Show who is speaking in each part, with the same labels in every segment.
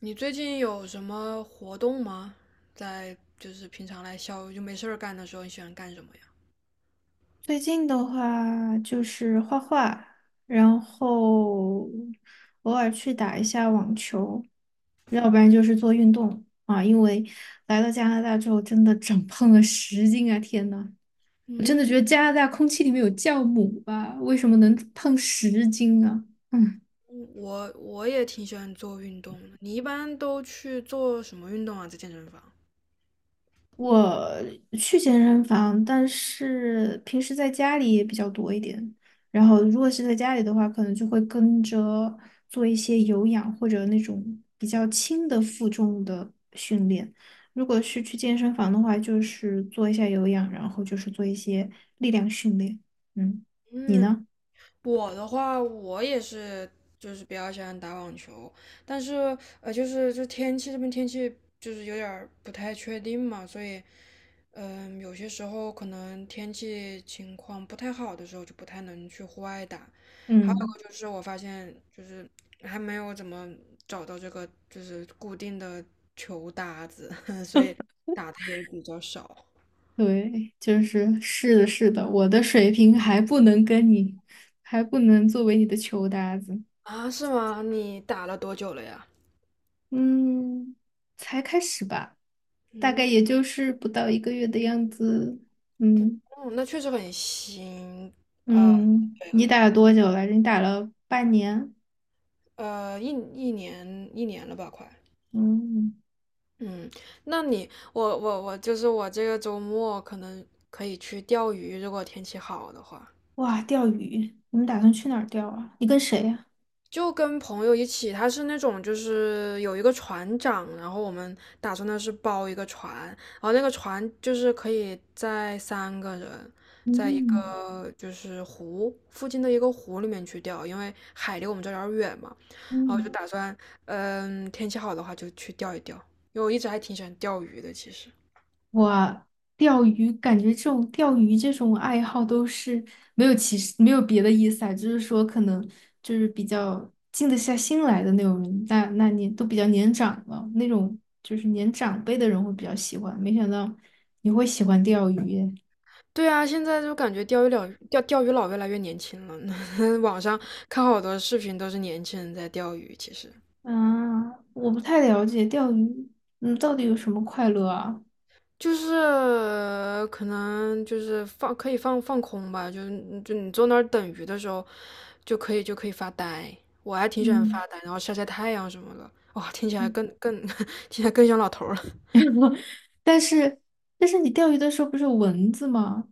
Speaker 1: 你最近有什么活动吗？就是平常就没事儿干的时候，你喜欢干什么呀？
Speaker 2: 最近的话就是画画，然后偶尔去打一下网球，要不然就是做运动啊。因为来到加拿大之后，真的长胖了十斤啊！天呐，我真的觉
Speaker 1: 嗯，
Speaker 2: 得加拿大空气里面有酵母吧？为什么能胖十斤啊？嗯。
Speaker 1: 我也挺喜欢做运动的。你一般都去做什么运动啊？在健身房？
Speaker 2: 我去健身房，但是平时在家里也比较多一点。然后，如果是在家里的话，可能就会跟着做一些有氧或者那种比较轻的负重的训练。如果是去健身房的话，就是做一下有氧，然后就是做一些力量训练。嗯，你呢？
Speaker 1: 我的话，我也是，就是比较喜欢打网球，但是就是天气，这边天气就是有点儿不太确定嘛，所以有些时候可能天气情况不太好的时候就不太能去户外打。还有
Speaker 2: 嗯，
Speaker 1: 一个就是我发现就是还没有怎么找到这个就是固定的球搭子，所以打的也比较少。
Speaker 2: 对，就是是的，是的，我的水平还不能跟你，还不能作为你的球搭子。
Speaker 1: 啊，是吗？你打了多久了呀？
Speaker 2: 嗯，才开始吧，大概
Speaker 1: 嗯。
Speaker 2: 也就是不到1个月的样子。嗯
Speaker 1: 嗯，那确实很新。呃，
Speaker 2: 嗯，
Speaker 1: 对，
Speaker 2: 你
Speaker 1: 很
Speaker 2: 打
Speaker 1: 新。
Speaker 2: 了多久来着？你打了半年。
Speaker 1: 一年了吧，快。
Speaker 2: 嗯，
Speaker 1: 嗯，那你，我我我，就是我这个周末可能可以去钓鱼，如果天气好的话。
Speaker 2: 哇，钓鱼，你们打算去哪儿钓啊？你跟谁呀？
Speaker 1: 就跟朋友一起，他是那种就是有一个船长，然后我们打算的是包一个船，然后那个船就是可以在三个人，在一
Speaker 2: 嗯
Speaker 1: 个就是湖附近的一个湖里面去钓，因为海离我们这儿有点远嘛，然后就
Speaker 2: 嗯。
Speaker 1: 打算，嗯，天气好的话就去钓一钓，因为我一直还挺喜欢钓鱼的，其实。
Speaker 2: 我钓鱼，感觉这种钓鱼这种爱好都是没有其实没有别的意思啊，就是说可能就是比较静得下心来的那种人，那你都比较年长了，那种就是年长辈的人会比较喜欢。没想到你会喜欢钓鱼耶，
Speaker 1: 对啊，现在就感觉钓鱼佬越来越年轻了，网上看好多视频都是年轻人在钓鱼，其实。
Speaker 2: 啊，我不太了解钓鱼，嗯，到底有什么快乐啊？
Speaker 1: 就是可能就是可以放空吧，就你坐那儿等鱼的时候，就可以发呆。我还挺喜欢
Speaker 2: 嗯
Speaker 1: 发呆，然后晒晒太阳什么的。哇，听起来
Speaker 2: 嗯，
Speaker 1: 更 听起来更像老头儿了。
Speaker 2: 但是但是你钓鱼的时候不是有蚊子吗？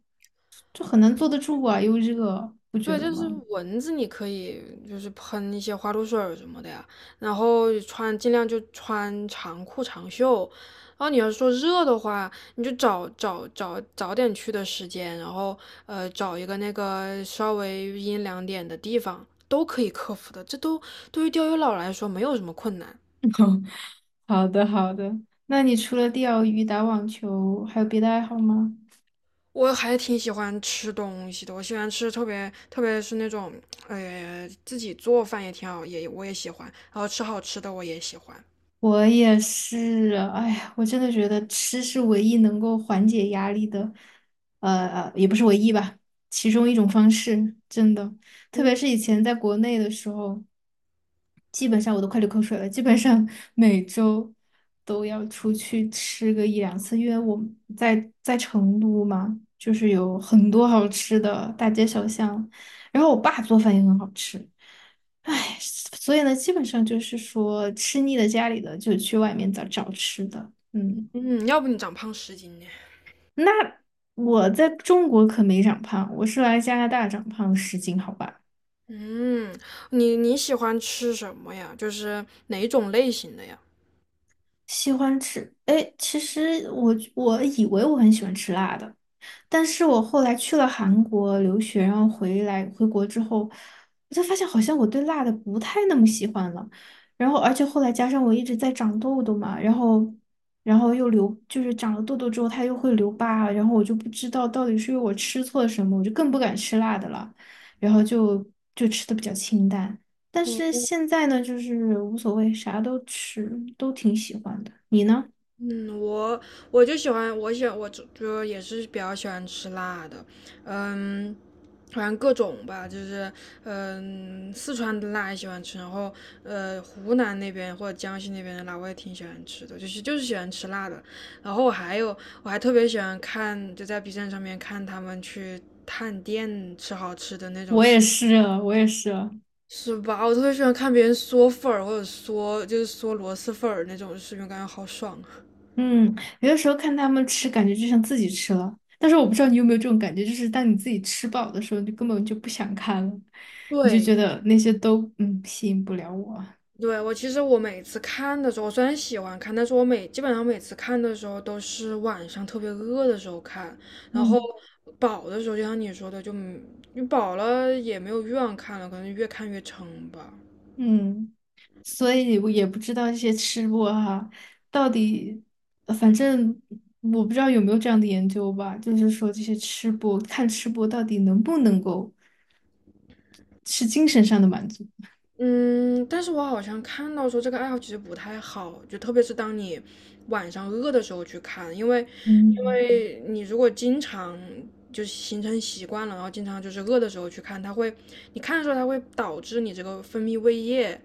Speaker 2: 就很难坐得住啊，又热，不觉
Speaker 1: 对，
Speaker 2: 得
Speaker 1: 就
Speaker 2: 吗？
Speaker 1: 是蚊子，你可以就是喷一些花露水儿什么的呀，然后穿，尽量就穿长裤长袖。然后你要是说热的话，你就找早点去的时间，然后找一个那个稍微阴凉点的地方，都可以克服的。这都对于钓鱼佬来说没有什么困难。
Speaker 2: 好的，好的。那你除了钓鱼、打网球，还有别的爱好吗？
Speaker 1: 我还挺喜欢吃东西的，我喜欢吃，特别特别是那种，自己做饭也挺好，我也喜欢，然后吃好吃的我也喜欢。
Speaker 2: 我也是啊，哎呀，我真的觉得吃是唯一能够缓解压力的，也不是唯一吧，其中一种方式，真的。特别
Speaker 1: 嗯。
Speaker 2: 是以前在国内的时候。基本上我都快流口水了，基本上每周都要出去吃个一两次，因为我们在成都嘛，就是有很多好吃的大街小巷，然后我爸做饭也很好吃，唉，所以呢，基本上就是说吃腻了家里的，就去外面找找吃的，嗯，
Speaker 1: 嗯，要不你长胖10斤呢？
Speaker 2: 那我在中国可没长胖，我是来加拿大长胖十斤，好吧。
Speaker 1: 嗯，你你喜欢吃什么呀？就是哪种类型的呀？
Speaker 2: 喜欢吃，哎，其实我以为我很喜欢吃辣的，但是我后来去了韩国留学，然后回国之后，我才发现好像我对辣的不太那么喜欢了。然后，而且后来加上我一直在长痘痘嘛，然后，然后就是长了痘痘之后它又会留疤，然后我就不知道到底是因为我吃错了什么，我就更不敢吃辣的了，然后就吃的比较清淡。但是
Speaker 1: 嗯
Speaker 2: 现在呢，就是无所谓，啥都吃，都挺喜欢的。你呢？
Speaker 1: 嗯，我就喜欢，我就也是比较喜欢吃辣的，嗯，反正各种吧，就是，嗯，四川的辣也喜欢吃，然后湖南那边或者江西那边的辣我也挺喜欢吃的，就是就是喜欢吃辣的。然后我还特别喜欢看，就在 B 站上面看他们去探店吃好吃的那种。
Speaker 2: 我也是，我也是。
Speaker 1: 是吧？我特别喜欢看别人嗦粉儿，或者嗦就是嗦螺蛳粉儿那种视频，感觉好爽啊！
Speaker 2: 嗯，有的时候看他们吃，感觉就像自己吃了。但是我不知道你有没有这种感觉，就是当你自己吃饱的时候，你根本就不想看了，你就
Speaker 1: 对，
Speaker 2: 觉得那些都吸引不了我。
Speaker 1: 对，其实我每次看的时候，我虽然喜欢看，但是基本上每次看的时候都是晚上特别饿的时候看，然后
Speaker 2: 嗯
Speaker 1: 饱的时候，就像你说的，你饱了也没有欲望看了，可能越看越撑吧。
Speaker 2: 嗯，所以我也不知道这些吃播哈，到底，反正我不知道有没有这样的研究吧，就是说这些吃播看吃播到底能不能够是精神上的满足。
Speaker 1: 嗯，但是我好像看到说这个爱好其实不太好，就特别是当你晚上饿的时候去看，因为
Speaker 2: 嗯
Speaker 1: 你如果经常就形成习惯了，然后经常就是饿的时候去看，它会看的时候它会导致你这个分泌胃液，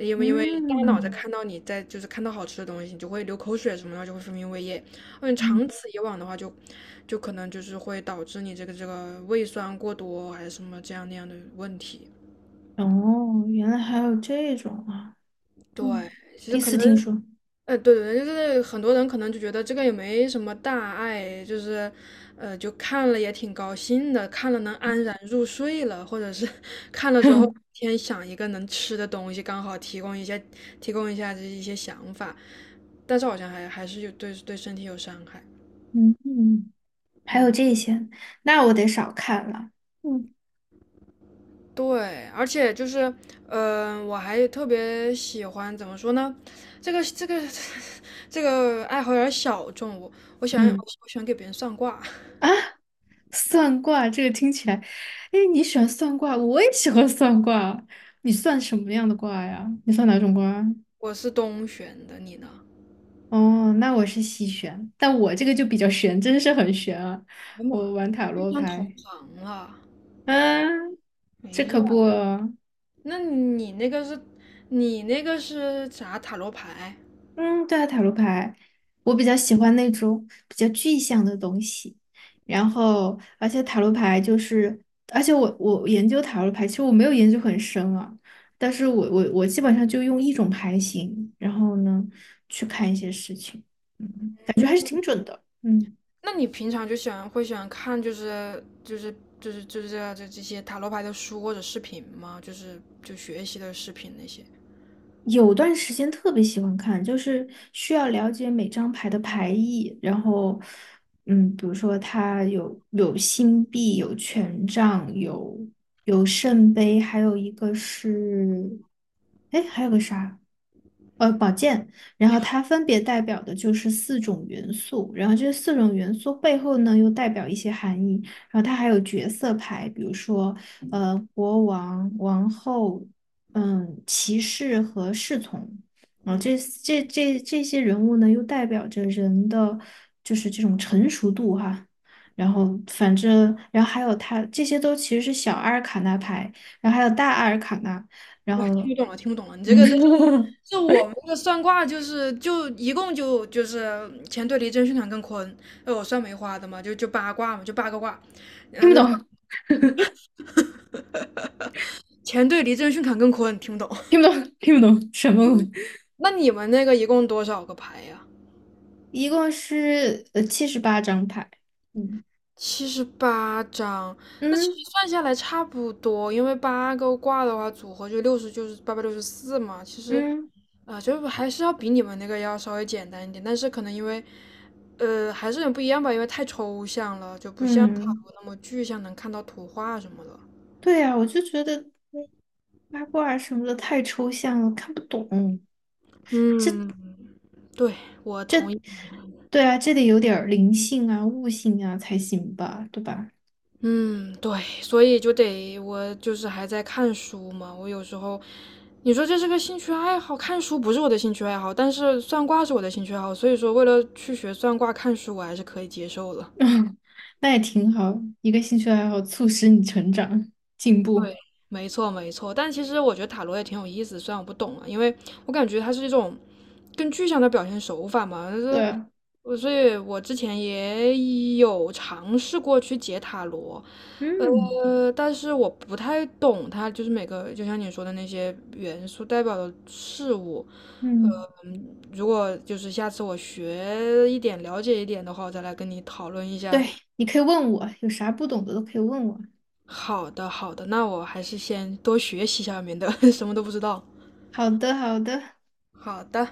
Speaker 1: 因为大脑在
Speaker 2: 嗯
Speaker 1: 看到，你在就是看到好吃的东西，你就会流口水什么的，就会分泌胃液。嗯，
Speaker 2: 嗯，
Speaker 1: 长此以往的话就就可能就是会导致你这个胃酸过多，还是什么这样那样的问题。
Speaker 2: 哦，原来还有这种啊。嗯，
Speaker 1: 对，其
Speaker 2: 第
Speaker 1: 实
Speaker 2: 一
Speaker 1: 可
Speaker 2: 次
Speaker 1: 能。
Speaker 2: 听说。
Speaker 1: 对对对，就是很多人可能就觉得这个也没什么大碍，就是就看了也挺高兴的，看了能安然入睡了，或者是 看了之后 先想一个能吃的东西，刚好提供一些，提供一下这一些想法，但是好像还是有对对身体有伤害。
Speaker 2: 嗯嗯，还有
Speaker 1: 嗯，
Speaker 2: 这些，那我得少看了。嗯
Speaker 1: 对，而且就是，我还特别喜欢，怎么说呢？这个 这个爱好有点小众，我我喜欢
Speaker 2: 嗯
Speaker 1: 我喜欢给别人算卦。
Speaker 2: 啊，算卦这个听起来，哎，你喜欢算卦，我也喜欢算卦。你算什么样的卦呀？你算哪种卦啊
Speaker 1: 我是东玄的，你呢？
Speaker 2: 哦，那我是西玄，但我这个就比较玄，真是很玄啊。
Speaker 1: 哎呀
Speaker 2: 我
Speaker 1: 妈，
Speaker 2: 玩塔
Speaker 1: 遇
Speaker 2: 罗
Speaker 1: 上同
Speaker 2: 牌，
Speaker 1: 行了。
Speaker 2: 嗯，
Speaker 1: 哎
Speaker 2: 这可
Speaker 1: 呀，
Speaker 2: 不。
Speaker 1: 那你那个是，你那个是啥塔罗牌？
Speaker 2: 嗯，对啊，塔罗牌，我比较喜欢那种比较具象的东西。然后，而且塔罗牌就是，而且我研究塔罗牌，其实我没有研究很深啊，但是我基本上就用一种牌型，然后呢，去看一些事情。嗯
Speaker 1: 嗯，
Speaker 2: 嗯。
Speaker 1: 那你平常就喜欢会喜欢看就是这些塔罗牌的书或者视频吗？就是就学习的视频那些。
Speaker 2: 有段时间特别喜欢看，就是需要了解每张牌的牌意，然后，嗯，比如说它有星币，有权杖，有圣杯，还有一个是，哎，还有个啥？然后它分别代表的就是四种元素，然后这四种元素背后呢又代表一些含义，然后它还有角色牌，比如说国王、王后、骑士和侍从，然后这些人物呢又代表着人的就是这种成熟度哈，然后反正然后还有它这些都其实是小阿尔卡纳牌，然后还有大阿尔卡纳，然后
Speaker 1: 哇，听不懂了，听不懂了。你这个这是
Speaker 2: 嗯
Speaker 1: 这我们这个算卦就是就一共就是乾对离震巽坎艮坤。我算梅花的嘛，就八卦嘛，就八个卦。
Speaker 2: 听
Speaker 1: 然
Speaker 2: 不
Speaker 1: 后
Speaker 2: 懂。
Speaker 1: 乾对离震巽坎艮坤，听不懂。
Speaker 2: 听不懂，听不懂什么鬼
Speaker 1: 那你们那个一共多少个牌呀？
Speaker 2: 一共是78张牌。嗯
Speaker 1: 78张。那其
Speaker 2: 嗯
Speaker 1: 实算下来差不多，因为八个卦的话，组合就六十，就是864嘛。其实，
Speaker 2: 嗯
Speaker 1: 就是还是要比你们那个要稍微简单一点，但是可能因为，还是有点不一样吧，因为太抽象了，就不像塔
Speaker 2: 嗯，
Speaker 1: 罗那么具象，能看到图画什么的。
Speaker 2: 对呀，我就觉得嗯八卦什么的太抽象了，看不懂。
Speaker 1: 嗯，对，我同意。
Speaker 2: 对啊，这得有点儿灵性啊、悟性啊才行吧，对吧？
Speaker 1: 嗯，对，所以就得，我就是还在看书嘛。我有时候，你说这是个兴趣爱好，看书不是我的兴趣爱好，但是算卦是我的兴趣爱好，所以说为了去学算卦，看书我还是可以接受的。
Speaker 2: 嗯，那也挺好，一个兴趣爱好促使你成长进步。
Speaker 1: 对，没错没错，但其实我觉得塔罗也挺有意思，虽然我不懂啊，因为我感觉它是一种更具象的表现手法嘛，就
Speaker 2: 对
Speaker 1: 是，
Speaker 2: 啊，
Speaker 1: 我所以，我之前也有尝试过去解塔罗，
Speaker 2: 嗯
Speaker 1: 但是我不太懂它，就是每个，就像你说的，那些元素代表的事物，呃，
Speaker 2: 嗯，
Speaker 1: 嗯如果就是下次我学一点，了解一点的话，我再来跟你讨论一下。
Speaker 2: 对，你可以问我，有啥不懂的都可以问我。
Speaker 1: 好的，好的，那我还是先多学习一下，面的，免得 什么都不知道。
Speaker 2: 好的，好的。
Speaker 1: 好的。